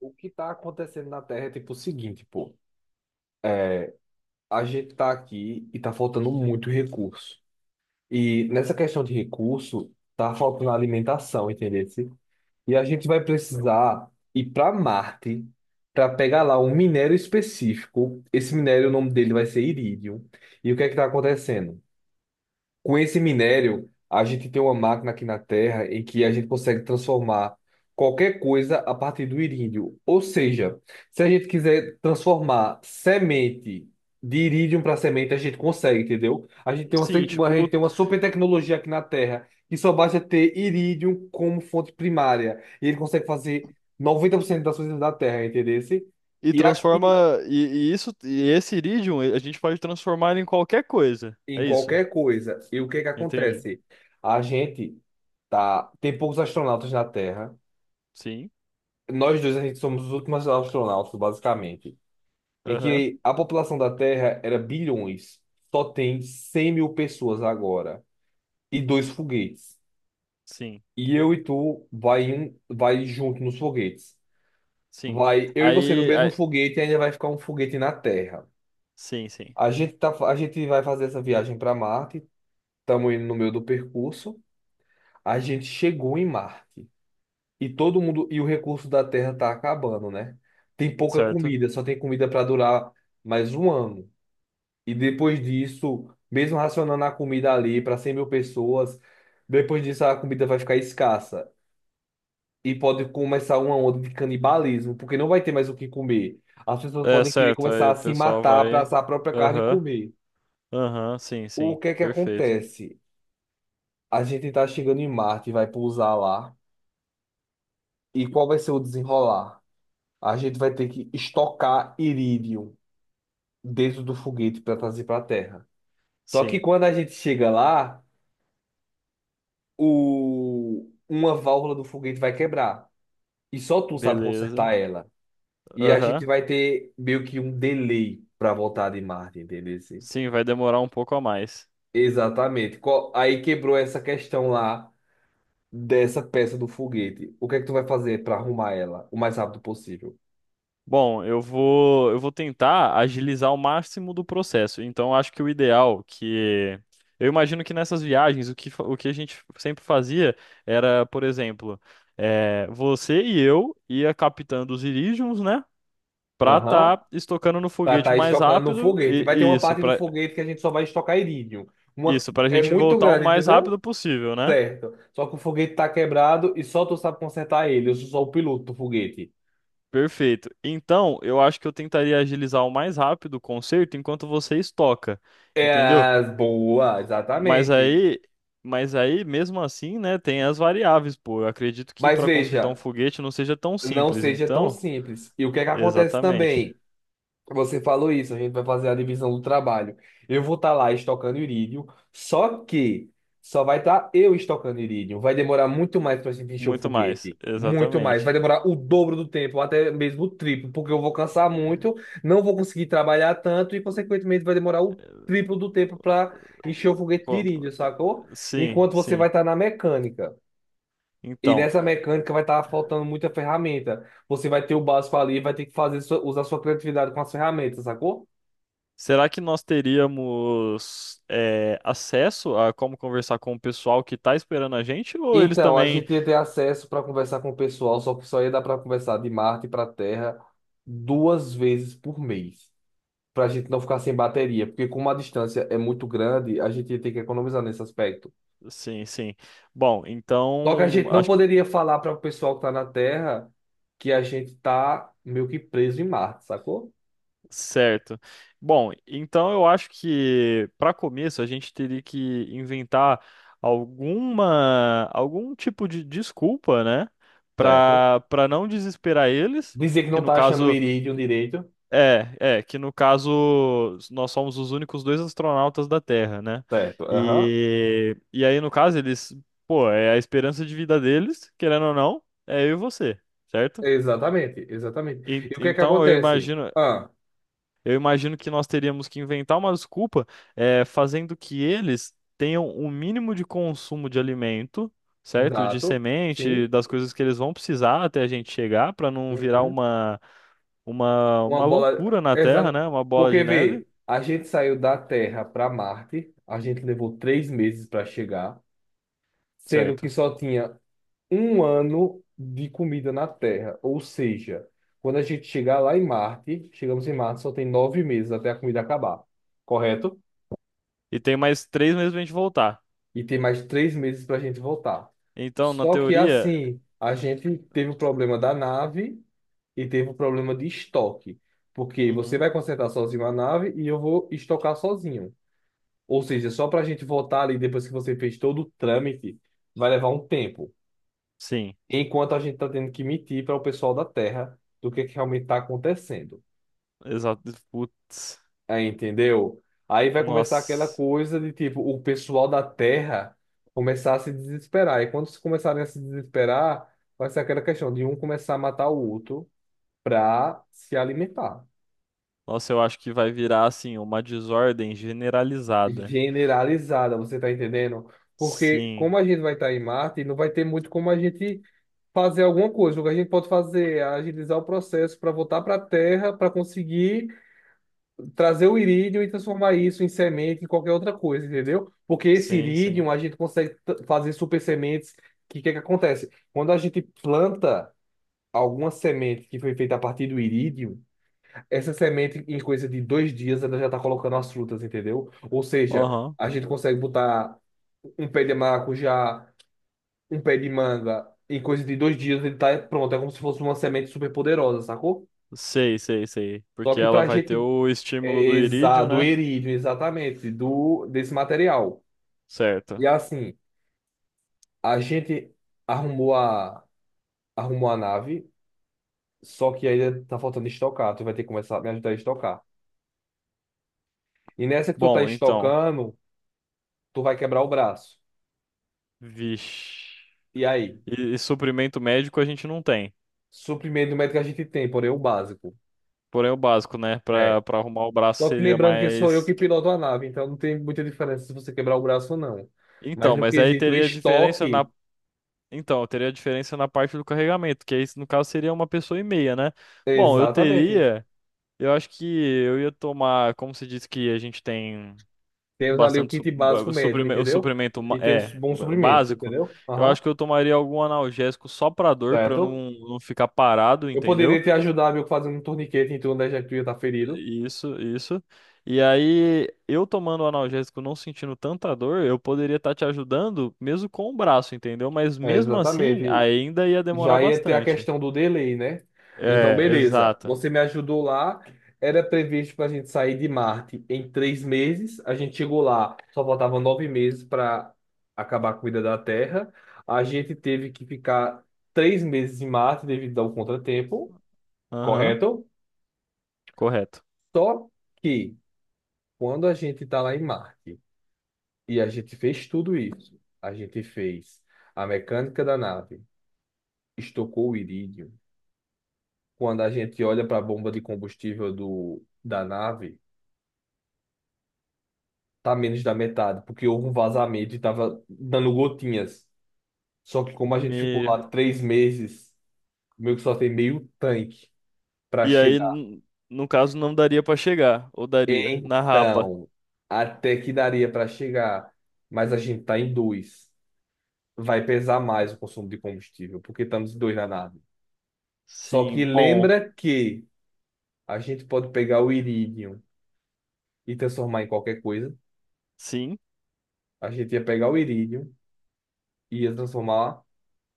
O que tá acontecendo na Terra é tipo o seguinte, pô. É, a gente tá aqui e tá faltando muito recurso. E nessa questão de recurso, tá faltando alimentação, entendeu? E a gente vai precisar ir para Marte para pegar lá um minério específico. Esse minério, o nome dele vai ser irídio. E o que é que tá acontecendo? Com esse minério, a gente tem uma máquina aqui na Terra em que a gente consegue transformar qualquer coisa a partir do irídio. Ou seja, se a gente quiser transformar semente de irídio para semente, a gente consegue, entendeu? A gente tem uma, Sim, se- uma- a gente tipo, tem uma super tecnologia aqui na Terra que só basta ter irídio como fonte primária. E ele consegue fazer 90% das coisas da Terra, entendeu? e E aqui, transforma. E isso, e esse iridium, a gente pode transformar ele em qualquer coisa. em É isso. qualquer coisa, e o que é que Entende? acontece? A gente Tá, tem poucos astronautas na Terra. Sim. Nós dois, a gente somos os últimos astronautas, basicamente. Em Aham. que a população da Terra era bilhões. Só tem 100.000 pessoas agora. E dois foguetes. Sim. E eu e tu vai junto nos foguetes. Sim. Vai eu e você no Aí, mesmo aí. foguete e ainda vai ficar um foguete na Terra. Sim, sim. A gente vai fazer essa viagem para Marte. Estamos indo no meio do percurso. A gente chegou em Marte. E todo mundo, e o recurso da terra tá acabando, né? Tem pouca Certo. comida, só tem comida para durar mais um ano. E depois disso, mesmo racionando a comida ali para 100.000 pessoas, depois disso a comida vai ficar escassa. E pode começar uma onda de canibalismo, porque não vai ter mais o que comer. As pessoas É, podem querer certo. começar Aí a o se pessoal matar para vai. assar a própria carne e Aham. comer. Aham. Sim, O sim. que é que Perfeito. acontece? A gente tá chegando em Marte, vai pousar lá. E qual vai ser o desenrolar? A gente vai ter que estocar irídio dentro do foguete para trazer para a Terra. Só que Sim. quando a gente chega lá, uma válvula do foguete vai quebrar. E só tu sabe Beleza. consertar ela. E a gente Aham. vai ter meio que um delay para voltar de Marte, entendeu? Sim, vai demorar um pouco a mais. Exatamente. Aí quebrou essa questão lá dessa peça do foguete. O que é que tu vai fazer para arrumar ela o mais rápido possível? Bom, eu vou tentar agilizar o máximo do processo. Então, acho que o ideal que eu imagino que nessas viagens o que, o que a gente sempre fazia era, por exemplo, você e eu ia captando os Iridiums, né? Pra Aham. tá estocando no Pra foguete o estar mais estocando no rápido foguete. e Vai ter e uma isso, parte do pra foguete que a gente só vai estocar irídio. Uma... isso, para a É gente muito voltar o grande, mais rápido entendeu? possível, né? Certo. Só que o foguete tá quebrado e só tu sabe consertar ele. Eu sou só o piloto do foguete. Perfeito. Então, eu acho que eu tentaria agilizar o mais rápido o conserto enquanto você estoca, entendeu? É, boa, Mas exatamente. aí, mas aí, mesmo assim, né, tem as variáveis, pô. Eu acredito que Mas para consertar um veja, foguete não seja tão não simples, seja tão então. simples. E o que é que acontece Exatamente. também? Você falou isso, a gente vai fazer a divisão do trabalho. Eu vou estar lá estocando irídio, só que só vai estar eu estocando irídio. Vai demorar muito mais para gente encher o Muito mais, foguete. Muito mais. Vai exatamente. demorar o dobro do tempo, até mesmo o triplo, porque eu vou cansar muito, não vou conseguir trabalhar tanto e, consequentemente, vai demorar o triplo do tempo para encher o foguete de Co- irídio, sacou? Sim, Enquanto você vai sim. estar na mecânica. E Então, nessa mecânica vai estar faltando muita ferramenta. Você vai ter o básico ali, vai ter que usar sua criatividade com as ferramentas, sacou? será que nós teríamos acesso a como conversar com o pessoal que está esperando a gente? Ou eles Então, a também. gente ia ter acesso para conversar com o pessoal, só que só ia dar para conversar de Marte para Terra 2 vezes por mês, para a gente não ficar sem bateria, porque como a distância é muito grande, a gente ia ter que economizar nesse aspecto. Sim, sim. Bom, Só que a então gente não acho. poderia falar para o pessoal que está na Terra que a gente tá meio que preso em Marte, sacou? Certo. Bom, então eu acho que para começo a gente teria que inventar algum tipo de desculpa, né, Certo. para não desesperar eles, Dizer que que não no tá achando o caso irídio direito. Que no caso nós somos os únicos dois astronautas da Terra, né? Certo. Aham. E aí no caso eles, pô, é a esperança de vida deles, querendo ou não, é eu e você, certo? Exatamente, exatamente. E o que é que Então eu acontece? imagino, Ah, eu imagino que nós teríamos que inventar uma desculpa, fazendo que eles tenham o mínimo de consumo de alimento, certo? De exato. semente, Sim. das coisas que eles vão precisar até a gente chegar, para não virar Uhum. Uma uma bola. loucura na Terra, Exata. né? Uma bola Porque, de neve, vê, a gente saiu da Terra para Marte, a gente levou 3 meses para chegar, sendo que certo? só tinha um ano de comida na Terra. Ou seja, quando a gente chegar lá em Marte, chegamos em Marte, só tem 9 meses até a comida acabar, correto? E tem mais três meses pra gente voltar. E tem mais 3 meses para a gente voltar. Então, na Só que, teoria. assim, a gente teve o problema da nave e teve o problema de estoque. Porque você Uhum, vai consertar sozinho a nave e eu vou estocar sozinho. Ou seja, só para a gente votar ali depois que você fez todo o trâmite, vai levar um tempo. sim, Enquanto a gente está tendo que mentir para o pessoal da Terra do que realmente está acontecendo. exato. Putz, Aí, entendeu? Aí vai começar aquela nossa. coisa de tipo, o pessoal da Terra começar a se desesperar. E quando se começarem a se desesperar, vai ser aquela questão de um começar a matar o outro para se alimentar. Nossa, eu acho que vai virar assim, uma desordem generalizada. Generalizada, você tá entendendo? Porque Sim, como a gente vai estar em Marte, não vai ter muito como a gente fazer alguma coisa. O que a gente pode fazer é agilizar o processo para voltar para a terra, para conseguir trazer o irídio e transformar isso em semente, em qualquer outra coisa, entendeu? Porque esse sim, sim. irídio a gente consegue fazer super sementes. Que é que acontece? Quando a gente planta alguma semente que foi feita a partir do irídio, essa semente, em coisa de 2 dias, ela já está colocando as frutas, entendeu? Ou seja, Aham. a gente consegue botar um pé de maracujá, um pé de manga, em coisa de dois dias ele tá pronto. É como se fosse uma semente super poderosa, sacou? Sei, sei, sei. Só Porque que ela pra vai gente ter o é, estímulo do irídio, do né? erívio, exatamente, do desse material. Certo. E assim, a gente arrumou a arrumou a nave, só que ainda tá faltando estocar. Tu vai ter que começar a me ajudar a estocar. E nessa que tu tá Bom, então. estocando, tu vai quebrar o braço. Vixe. E aí? E suprimento médico a gente não tem. Suprimento médico que a gente tem, porém o básico. Porém, o básico, né? É. Pra arrumar o braço Só que seria lembrando que sou eu que mais. piloto a nave, então não tem muita diferença se você quebrar o braço ou não. Mas Então, no mas aí quesito teria diferença estoque, na. Então, teria diferença na parte do carregamento, que aí, no caso, seria uma pessoa e meia, né? Bom, eu exatamente. teria. Eu acho que eu ia tomar. Como se diz que a gente tem Temos ali o bastante kit básico médico, o entendeu? suprimento E temos bons suprimentos, básico, entendeu? eu Aham, acho que eu tomaria algum analgésico só pra dor, pra eu certo. Não ficar parado, Eu poderia entendeu? te ajudar, meu, fazendo um torniquete em torno da já que tu ia estar ferido. Isso, isso. E aí, eu tomando o analgésico, não sentindo tanta dor, eu poderia estar te ajudando mesmo com o braço, entendeu? Mas É, mesmo assim, exatamente. ainda ia demorar Já ia ter a bastante. questão do delay, né? Então, É, beleza. exato. Você me ajudou lá. Era previsto para a gente sair de Marte em 3 meses. A gente chegou lá, só faltava 9 meses para acabar com a vida da Terra. A gente teve que ficar 3 meses em Marte devido ao contratempo, Aham, correto? correto. Só que quando a gente está lá em Marte e a gente fez tudo isso, a gente fez a mecânica da nave, estocou o irídio. Quando a gente olha para a bomba de combustível da nave, tá menos da metade, porque houve um vazamento e tava dando gotinhas. Só que como a gente ficou Me... lá 3 meses, meio que só tem meio tanque para E aí, chegar. No caso, não daria pra chegar, ou daria, na rapa. Então, até que daria para chegar, mas a gente tá em dois. Vai pesar mais o consumo de combustível, porque estamos em dois na nave. Só que Sim, bom. lembra que a gente pode pegar o irídio e transformar em qualquer coisa. Sim. A gente ia pegar o irídio, ia transformar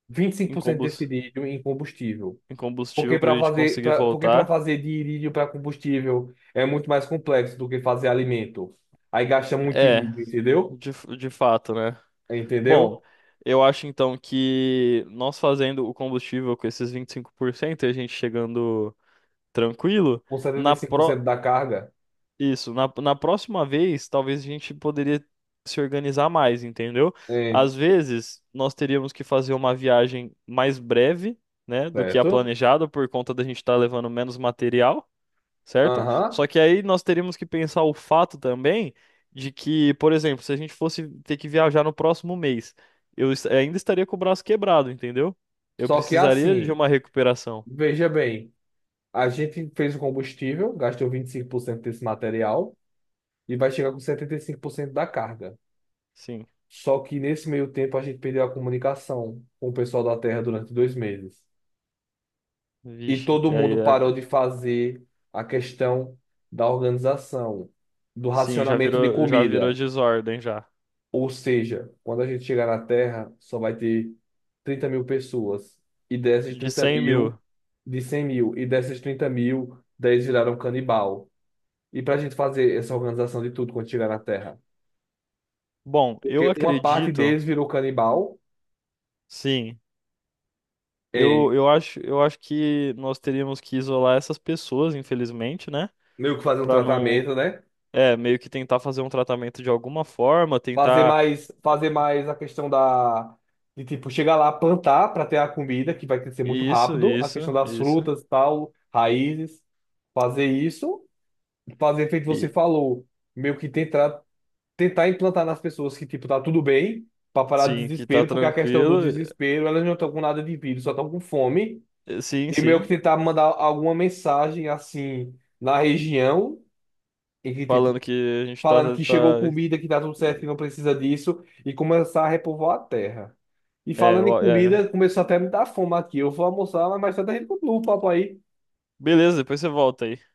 25% desse incombus- lítio em combustível. Incombustível Porque pra para gente fazer, conseguir pra, porque para voltar. fazer de irídio para combustível é muito mais complexo do que fazer alimento. Aí gasta muito É, irídio, entendeu? De fato, né? Bom, Entendeu? eu acho então que nós fazendo o combustível com esses 25% e cinco por cento e a gente chegando tranquilo, Com setenta e na cinco por cento pro... da carga. Isso, na próxima vez, talvez a gente poderia se organizar mais, entendeu? É, Às vezes, nós teríamos que fazer uma viagem mais breve, né, do que a certo? planejada, por conta da gente estar levando menos material, certo? Aham. Só que aí nós teríamos que pensar o fato também de que, por exemplo, se a gente fosse ter que viajar no próximo mês, ainda estaria com o braço quebrado, entendeu? Eu Só que precisaria de assim, uma recuperação. veja bem, a gente fez o combustível, gastou 25% desse material e vai chegar com 75% da carga. Sim. Só que nesse meio tempo a gente perdeu a comunicação com o pessoal da Terra durante 2 meses. E Vixe, todo mundo parou de fazer a questão da organização, do sim, já racionamento de virou, já virou comida. desordem já. Ou seja, quando a gente chegar na Terra, só vai ter 30.000 pessoas. E dessas De trinta cem mil, mil. de 100.000. E dessas 30 mil, 10 viraram canibal. E para a gente fazer essa organização de tudo quando chegar na Terra? Bom, eu Porque uma parte acredito, deles virou canibal, sim. é Eu acho que nós teríamos que isolar essas pessoas, infelizmente, né? meio que fazer um Pra não, tratamento, né? é, meio que tentar fazer um tratamento de alguma forma, tentar. Fazer mais a questão da, de tipo, chegar lá, plantar para ter a comida, que vai crescer muito Isso, rápido, a isso, questão das isso. frutas e tal, raízes, fazer isso, fazer feito você E falou, meio que tentar, tentar implantar nas pessoas que, tipo, tá tudo bem, para parar de sim, que tá desespero, porque a questão do tranquilo. desespero, elas não estão com nada de vírus, só estão com fome, Sim, e meio que sim. tentar mandar alguma mensagem, assim, na região, e que, tipo, Falando que a gente falando que tá... chegou comida, que tá tudo certo, que não precisa disso, e começar a repovoar a terra. E É, falando em ó, é. comida, começou até a me dar fome aqui. Eu vou almoçar, mas mais tarde a gente continua o papo aí. Beleza, depois você volta aí.